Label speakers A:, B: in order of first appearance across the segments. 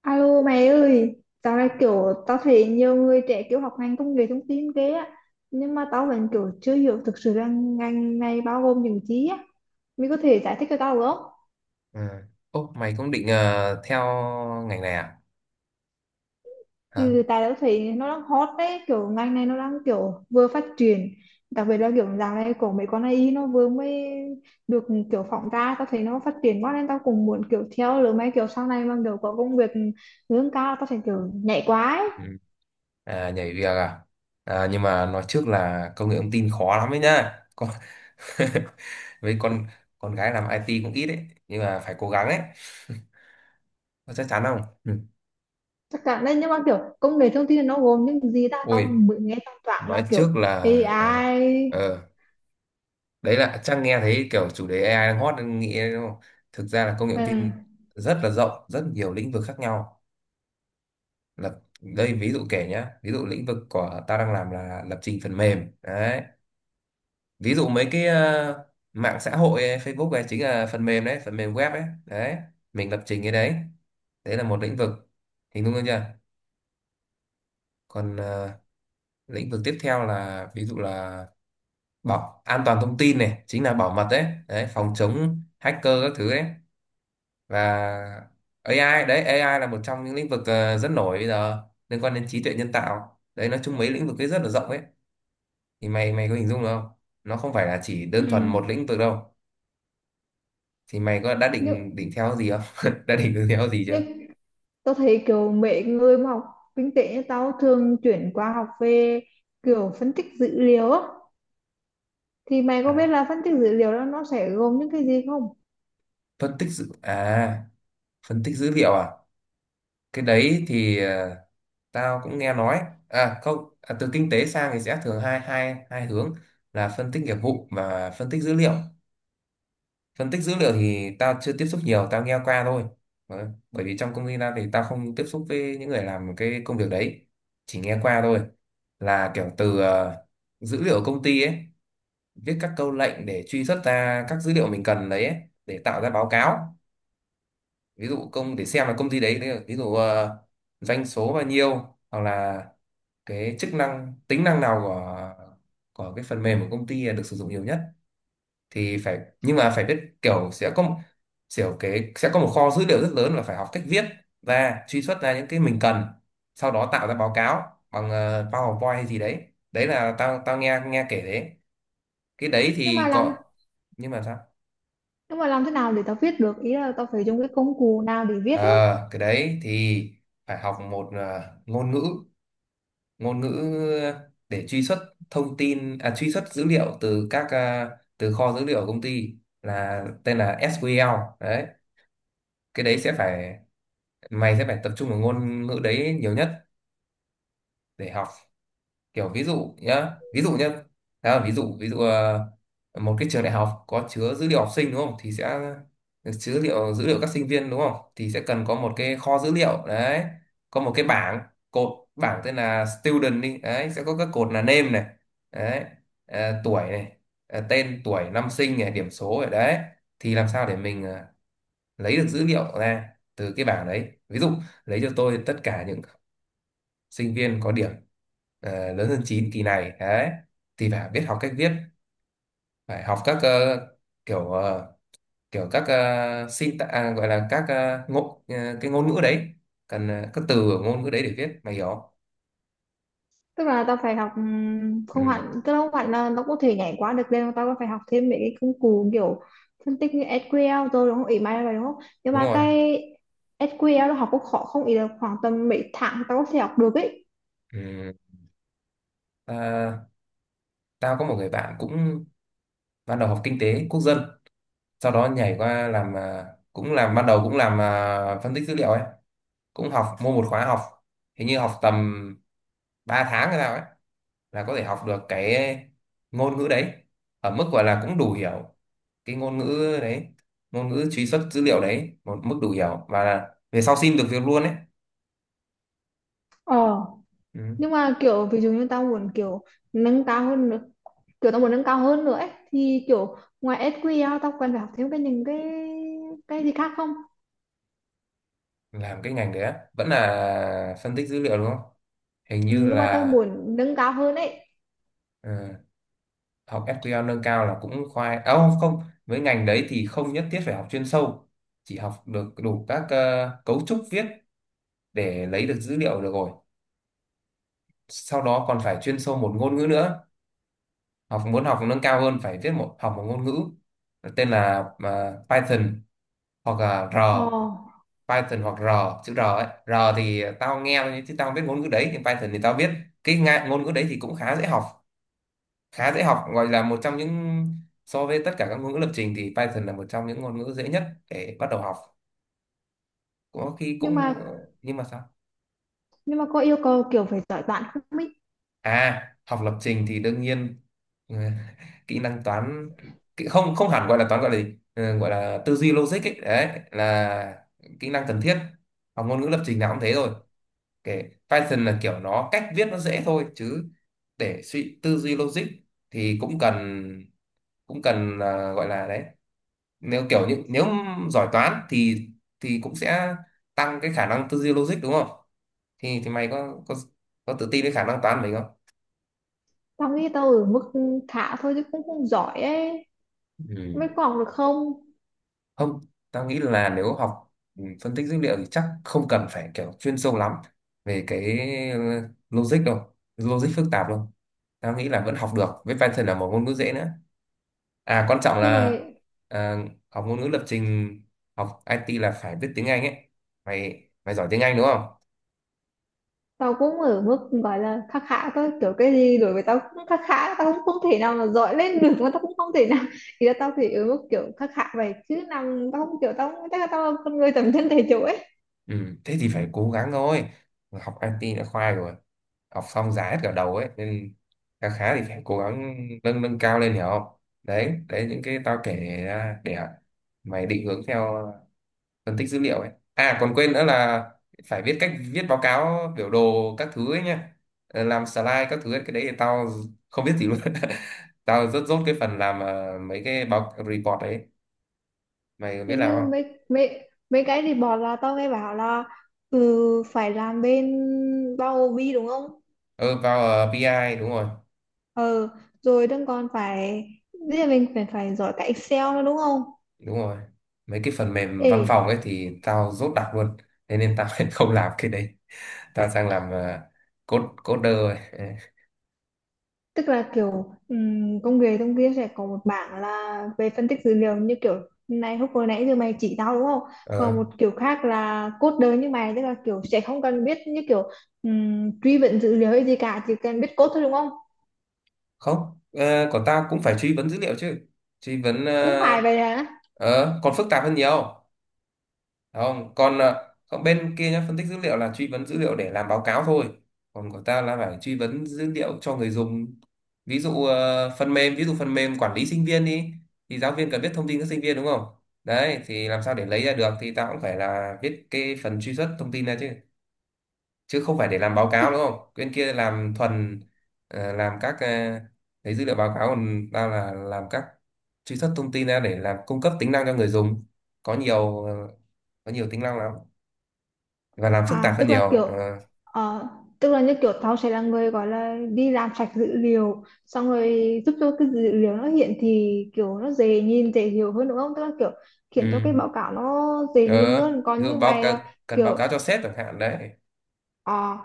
A: Alo mày ơi, dạo này tao thấy nhiều người trẻ kiểu học ngành công nghệ thông tin ghê á. Nhưng mà tao vẫn kiểu chưa hiểu thực sự là ngành này bao gồm những gì á. Mày có thể giải thích cho tao được không?
B: À. Ô, mày cũng định theo ngành này à? Hả?
A: Ừ, tại tao thấy nó đang hot đấy, kiểu ngành này nó đang kiểu vừa phát triển. Đặc biệt là kiểu dạo này của mấy con AI nó vừa mới được kiểu phỏng ra. Tao thấy nó phát triển quá nên tao cũng muốn kiểu theo lứa mấy kiểu sau này mà kiểu có công việc lương cao tao phải kiểu nhảy quá ấy.
B: Ừ. À, nhảy việc à? Nhưng mà nói trước là công nghệ thông tin khó lắm ấy nhá. Với con gái làm IT cũng ít ấy, nhưng mà phải cố gắng ấy. Có chắc chắn không? Ừ.
A: Chắc cả nên nhưng mà kiểu công nghệ thông tin nó gồm những gì ta, tao
B: Ôi,
A: mới nghe tao toàn là
B: nói
A: kiểu
B: trước là ờ,
A: AI.
B: ờ, đấy là chắc nghe thấy kiểu chủ đề AI đang hot nên nghĩ đúng không? Thực ra là công nghệ thông tin
A: Ừ,
B: rất là rộng, rất nhiều lĩnh vực khác nhau. Đây ví dụ kể nhá, ví dụ lĩnh vực của ta đang làm là lập trình phần mềm đấy. Ví dụ mấy cái mạng xã hội ấy, Facebook ấy chính là phần mềm đấy, phần mềm web ấy đấy, mình lập trình cái đấy. Đấy là một lĩnh vực, hình dung được chưa? Còn lĩnh vực tiếp theo là ví dụ là bảo an toàn thông tin này, chính là bảo mật đấy, đấy phòng chống hacker các thứ đấy. Và AI đấy, AI là một trong những lĩnh vực rất nổi bây giờ, liên quan đến trí tuệ nhân tạo đấy. Nói chung mấy lĩnh vực ấy rất là rộng ấy. Thì mày mày có hình dung được không? Nó không phải là chỉ
A: ừ.
B: đơn thuần một lĩnh vực đâu. Thì mày có đã
A: nhưng
B: định định theo gì không đã định hướng theo gì chưa?
A: nhưng tao thấy kiểu mấy người mà học kinh tế như tao thường chuyển qua học về kiểu phân tích dữ liệu á, thì mày có
B: à,
A: biết là phân tích dữ liệu đó nó sẽ gồm những cái gì không?
B: phân tích dữ à Phân tích dữ liệu à? Cái đấy thì tao cũng nghe nói. À không à, Từ kinh tế sang thì sẽ thường hai hai hai hướng là phân tích nghiệp vụ và phân tích dữ liệu. Phân tích dữ liệu thì tao chưa tiếp xúc nhiều, tao nghe qua thôi. Đấy. Bởi vì trong công ty tao thì tao không tiếp xúc với những người làm cái công việc đấy, chỉ nghe qua thôi, là kiểu từ dữ liệu công ty ấy, viết các câu lệnh để truy xuất ra các dữ liệu mình cần đấy ấy, để tạo ra báo cáo. Ví dụ công để xem là công ty đấy, ví dụ doanh số bao nhiêu, hoặc là cái chức năng tính năng nào của cái phần mềm của công ty được sử dụng nhiều nhất. Thì phải, nhưng mà phải biết kiểu sẽ có kiểu cái sẽ có một kho dữ liệu rất lớn, và phải học cách viết ra, truy xuất ra những cái mình cần, sau đó tạo ra báo cáo bằng PowerPoint hay gì đấy. Đấy là tao tao nghe nghe kể đấy, cái đấy
A: nhưng
B: thì
A: mà làm
B: có. Nhưng mà sao?
A: nhưng mà làm thế nào để tao viết được, ý là tao phải dùng cái công cụ nào để viết ấy?
B: Ờ cái đấy thì phải học một ngôn ngữ, ngôn ngữ để truy xuất thông tin à, truy xuất dữ liệu từ các từ kho dữ liệu của công ty, là tên là SQL đấy. Cái đấy sẽ phải, mày sẽ phải tập trung vào ngôn ngữ đấy nhiều nhất để học. Kiểu ví dụ nhá, ví dụ nhá, đó là ví dụ, ví dụ một cái trường đại học có chứa dữ liệu học sinh đúng không, thì sẽ chứa dữ liệu các sinh viên đúng không, thì sẽ cần có một cái kho dữ liệu đấy. Có một cái bảng, cột, bảng tên là student đi đấy, sẽ có các cột là name này, đấy, tuổi này, tên, tuổi, năm sinh này, điểm số này đấy. Thì làm sao để mình lấy được dữ liệu ra từ cái bảng đấy. Ví dụ lấy cho tôi tất cả những sinh viên có điểm lớn hơn 9 kỳ này đấy. Thì phải biết học cách viết, phải học các ờ, kiểu các gọi là các cái ngôn ngữ đấy, cần các từ ở ngôn ngữ đấy để viết, mày hiểu không?
A: Tức là tao phải học không
B: Ừ,
A: hẳn, tức là không hẳn là nó có thể nhảy qua được lên, mà tao có phải học thêm mấy cái công cụ kiểu phân tích như SQL rồi đúng không, ý mày là vậy đúng không? Nhưng
B: đúng
A: mà
B: rồi.
A: cái SQL nó học cũng khó không, ý là khoảng tầm mấy tháng tao có thể học được ấy?
B: Ừ. ta- Tao có một người bạn cũng ban đầu học kinh tế quốc dân, sau đó nhảy qua làm cũng làm ban đầu, cũng làm phân tích dữ liệu ấy, cũng học mua một khóa học, hình như học tầm 3 tháng hay sao ấy, là có thể học được cái ngôn ngữ đấy, ở mức gọi là cũng đủ hiểu cái ngôn ngữ đấy, ngôn ngữ truy xuất dữ liệu đấy, một mức đủ hiểu, và là về sau xin được việc luôn đấy.
A: Ờ,
B: Ừ.
A: nhưng mà kiểu ví dụ như tao muốn kiểu nâng cao hơn nữa, kiểu tao muốn nâng cao hơn nữa ấy thì kiểu ngoài SQL tao cần phải học thêm những cái gì khác không?
B: Làm cái ngành đấy á, vẫn là phân tích dữ liệu đúng không? Hình
A: Ừ,
B: như
A: nhưng mà tao
B: là.
A: muốn nâng cao hơn ấy.
B: Ừ, học SQL nâng cao là cũng khoai à, không không, với ngành đấy thì không nhất thiết phải học chuyên sâu, chỉ học được đủ các cấu trúc viết để lấy được dữ liệu được rồi, sau đó còn phải chuyên sâu một ngôn ngữ nữa. Học muốn học nâng cao hơn phải viết một, học một ngôn ngữ tên là Python hoặc là R.
A: Ờ,
B: Python hoặc R, chữ R ấy, R thì tao nghe chứ tao không biết ngôn ngữ đấy, thì Python thì tao biết. Cái ngôn ngữ đấy thì cũng khá dễ học, khá dễ học, gọi là một trong những, so với tất cả các ngôn ngữ lập trình thì Python là một trong những ngôn ngữ dễ nhất để bắt đầu học. Có khi
A: nhưng mà
B: cũng nhưng mà sao?
A: nhưng mà có yêu cầu kiểu phải giỏi toán không ấy?
B: À, học lập trình thì đương nhiên, ừ, kỹ năng toán, không, không hẳn gọi là toán, gọi là gì? Ừ, gọi là tư duy logic ấy, đấy là kỹ năng cần thiết, học ngôn ngữ lập trình nào cũng thế rồi. Kể Python là kiểu nó cách viết nó dễ thôi, chứ để suy, tư duy logic thì cũng cần, cũng cần gọi là đấy. Nếu kiểu như, nếu giỏi toán thì cũng sẽ tăng cái khả năng tư duy logic đúng không? Thì mày có có tự tin với khả năng toán của mình không?
A: Tao nghĩ tao ở mức khá thôi chứ cũng không giỏi ấy,
B: Ừ.
A: mới có học được không?
B: Không, tao nghĩ là nếu học phân tích dữ liệu thì chắc không cần phải kiểu chuyên sâu lắm về cái ờ, logic đâu, logic phức tạp đâu. Tao nghĩ là vẫn học được, với Python là một ngôn ngữ dễ nữa. À quan trọng
A: Thế mà
B: là ờ, học ngôn ngữ lập trình, học IT là phải biết tiếng Anh ấy. Mày mày giỏi tiếng Anh đúng không?
A: tao cũng ở mức gọi là khá khá thôi, kiểu cái gì đối với tao cũng khá khá, tao cũng không thể nào mà giỏi lên được mà tao cũng không thể nào. Thì là tao thì ở mức kiểu khá khá vậy chứ nằm tao không kiểu tao không- chắc là tao là con người tầm thân thể chủ ấy.
B: Ừ, thế thì phải cố gắng thôi. Học IT đã khoai rồi. Học xong giá hết cả đầu ấy. Nên khá khá thì phải cố gắng nâng nâng cao lên, hiểu không? Đấy, đấy những cái tao kể ra để mày định hướng theo phân tích dữ liệu ấy. À còn quên nữa là phải viết, cách viết báo cáo, biểu đồ các thứ ấy nha. Ờ, làm slide các thứ ấy. Cái đấy thì tao không biết gì luôn. Tao rất dốt cái phần làm mấy cái báo, report ấy. Mày
A: Thì
B: biết làm
A: như
B: không?
A: mấy mấy mấy cái thì bọn là tao nghe bảo là ừ, phải làm bên bao bì đúng không?
B: Ừ, vào PI ai, đúng rồi.
A: Ờ, rồi đừng còn phải bây giờ mình phải phải giỏi cả Excel nữa đúng không?
B: Đúng rồi, mấy cái phần mềm
A: Ê,
B: văn phòng ấy thì tao dốt đặc luôn. Thế nên tao không làm cái đấy, tao sang làm coder rồi. Ờ.
A: tức là kiểu công nghệ thông kia sẽ có một bảng là về phân tích dữ liệu như kiểu này, lúc vừa nãy giờ mày chỉ tao đúng không?
B: Ờ.
A: Còn một kiểu khác là cốt đời như mày, tức là kiểu sẽ không cần biết như kiểu truy vấn dữ liệu hay gì cả, chỉ cần biết cốt thôi đúng không?
B: Không còn tao cũng phải truy vấn dữ liệu chứ. Truy vấn
A: Cũng phải vậy hả?
B: ờ, còn phức tạp hơn nhiều. Không còn còn bên kia nhá, phân tích dữ liệu là truy vấn dữ liệu để làm báo cáo thôi, còn của ta là phải truy vấn dữ liệu cho người dùng. Ví dụ ờ, phần mềm ví dụ phần mềm quản lý sinh viên đi, thì giáo viên cần biết thông tin các sinh viên đúng không? Đấy thì làm sao để lấy ra được thì ta cũng phải là viết cái phần truy xuất thông tin ra chứ, chứ không phải để làm báo cáo đúng không? Bên kia làm thuần làm các lấy dữ liệu báo cáo, còn ta là làm các truy xuất thông tin ra để làm, cung cấp tính năng cho người dùng. Có nhiều có nhiều tính năng lắm, và làm phức tạp
A: À,
B: hơn
A: tức là
B: nhiều.
A: kiểu
B: Ờ
A: ờ, tức là như kiểu tao sẽ là người gọi là đi làm sạch dữ liệu xong rồi giúp cho cái dữ liệu nó hiện thì kiểu nó dễ nhìn dễ hiểu hơn đúng không? Tức là kiểu khiến cho
B: ừ.
A: cái báo cáo nó dễ nhìn
B: ờ
A: hơn,
B: Ví
A: còn
B: dụ
A: như
B: báo
A: mày
B: cáo,
A: là
B: cần báo
A: kiểu
B: cáo cho sếp chẳng hạn đấy.
A: à,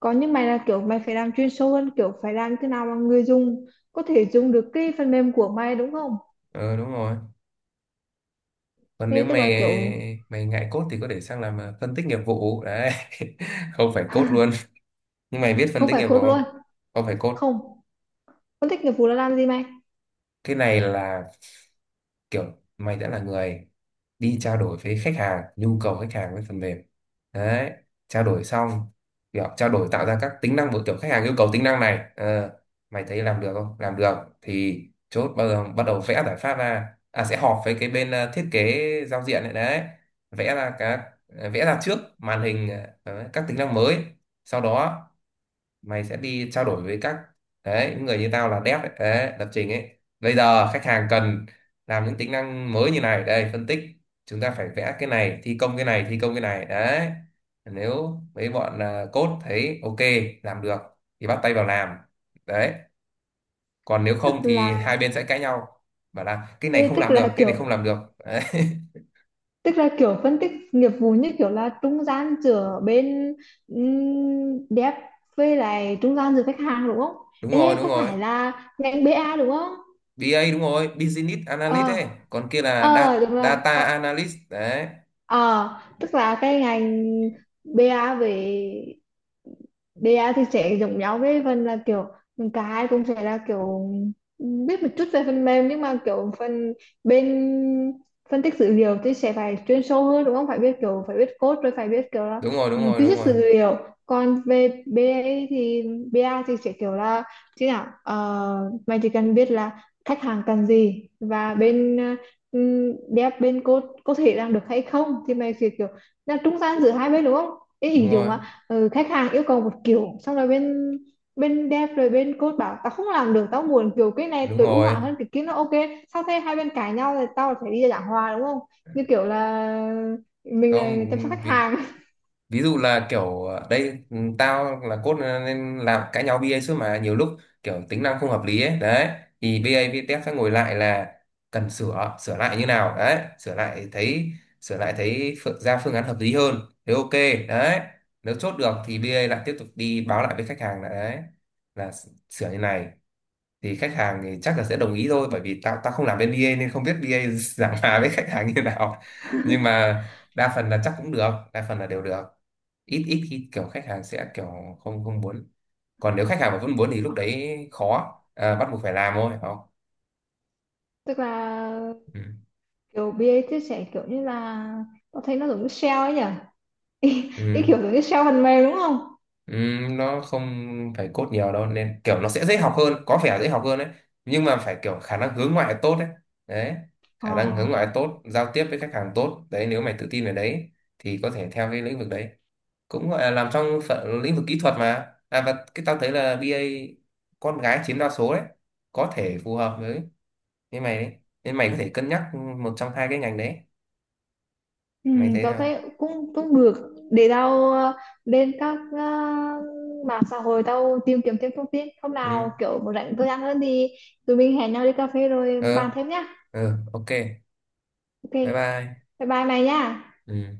A: còn như mày là kiểu mày phải làm chuyên sâu hơn kiểu phải làm thế nào mà người dùng có thể dùng được cái phần mềm của mày đúng không?
B: Ờ đúng rồi. Còn nếu
A: Thế tức
B: mày
A: là kiểu
B: mày ngại code thì có thể sang làm phân tích nghiệp vụ đấy, không phải code luôn. Nhưng mày biết phân
A: không
B: tích
A: phải
B: nghiệp vụ
A: code luôn?
B: không? Không phải code.
A: Không, phân tích nghiệp vụ là làm gì mày?
B: Cái này là kiểu mày đã là người đi trao đổi với khách hàng, nhu cầu khách hàng với phần mềm đấy, trao đổi xong kiểu trao đổi, tạo ra các tính năng của kiểu khách hàng yêu cầu tính năng này. Ờ, mày thấy làm được không, làm được thì chốt, bắt đầu vẽ giải pháp ra, à sẽ họp với cái bên thiết kế giao diện này đấy, vẽ ra các, vẽ ra trước màn hình các tính năng mới. Sau đó mày sẽ đi trao đổi với các, đấy những người như tao là dev ấy, đấy, lập trình ấy, bây giờ khách hàng cần làm những tính năng mới như này, đây phân tích, chúng ta phải vẽ cái này, thi công cái này, thi công cái này đấy. Nếu mấy bọn code thấy ok, làm được thì bắt tay vào làm. Đấy. Còn nếu
A: Tức
B: không thì hai
A: là
B: bên sẽ cãi nhau, bảo là cái này
A: Ê,
B: không làm được, cái này không làm được đấy.
A: tức là kiểu phân tích nghiệp vụ như kiểu là trung gian giữa bên dev với lại trung gian giữa khách hàng đúng không?
B: Đúng rồi,
A: Ê,
B: đúng
A: có
B: rồi.
A: phải là ngành bê A đúng không?
B: BA đúng rồi, business analyst
A: Ờ,
B: ấy, còn kia là
A: ờ đúng rồi.
B: data analyst đấy.
A: Ờ, tức là cái ngành BA, về BA thì sẽ giống nhau với phần là kiểu cả hai cũng sẽ là kiểu biết một chút về phần mềm, nhưng mà kiểu phần bên phân tích dữ liệu thì sẽ phải chuyên sâu hơn đúng không? Phải biết kiểu phải biết code rồi phải biết kiểu là
B: Đúng rồi, đúng
A: ừ,
B: rồi,
A: truy
B: đúng
A: xuất
B: rồi,
A: dữ liệu. Còn về BA thì BA thì sẽ kiểu là chứ nào mày chỉ cần biết là khách hàng cần gì và bên đẹp bên cô có thể làm được hay không, thì mày sẽ kiểu là trung gian giữa hai bên đúng không? Ý
B: đúng
A: ví dụ
B: rồi,
A: mà ừ, khách hàng yêu cầu một kiểu xong rồi bên bên đẹp rồi bên cô bảo tao không làm được, tao muốn kiểu cái này
B: đúng
A: tối ưu
B: rồi.
A: hóa hơn cái kia nó ok, sau thế hai bên cãi nhau thì tao phải đi giảng hòa đúng không, như kiểu là mình là chăm sóc
B: Không,
A: khách
B: ví,
A: hàng.
B: ví dụ là kiểu đây, ừ, tao là cốt nên làm cãi nhau BA suốt mà, nhiều lúc kiểu tính năng không hợp lý ấy đấy, thì BA VTech sẽ ngồi lại là cần sửa sửa lại như nào đấy, sửa lại thấy ra phương án hợp lý hơn, thế ok đấy. Nếu chốt được thì BA lại tiếp tục đi báo lại với khách hàng là đấy, là sửa như này, thì khách hàng thì chắc là sẽ đồng ý thôi, bởi vì tao tao không làm bên BA nên không biết BA giảng hòa với khách hàng như nào. Nhưng mà đa phần là chắc cũng được, đa phần là đều được, ít ít khi kiểu khách hàng sẽ kiểu không, không muốn. Còn nếu khách hàng mà vẫn muốn thì lúc
A: Ờ,
B: đấy khó, bắt buộc phải làm thôi phải không?
A: tức là
B: Ừ.
A: kiểu BA chia sẻ kiểu như là tao thấy nó giống như sale ấy nhỉ. ý, ý
B: Ừ.
A: Kiểu giống như sale phần mềm đúng không?
B: Nó không phải code nhiều đâu nên kiểu nó sẽ dễ học hơn, có vẻ dễ học hơn đấy, nhưng mà phải kiểu khả năng hướng ngoại tốt đấy, đấy
A: Ờ.
B: khả năng hướng ngoại tốt, giao tiếp với khách hàng tốt đấy, nếu mày tự tin về đấy thì có thể theo cái lĩnh vực đấy, cũng gọi là làm trong phận lĩnh vực kỹ thuật mà. À và cái tao thấy là BA con gái chiếm đa số đấy, có thể phù hợp với mày đấy, nên mày có thể cân nhắc một trong hai cái ngành đấy,
A: Ừ,
B: mày thấy
A: tao
B: nào?
A: thấy cũng cũng được, để tao lên các mạng xã hội tao tìm kiếm thêm thông tin, hôm
B: Ừ.
A: nào kiểu một rảnh tôi ăn hơn thì tụi mình hẹn nhau đi cà phê rồi bàn
B: Ờ.
A: thêm nhá.
B: Ừ. Ok.
A: Ok.
B: Bye bye.
A: Bye bye mày nhá.
B: Ừ.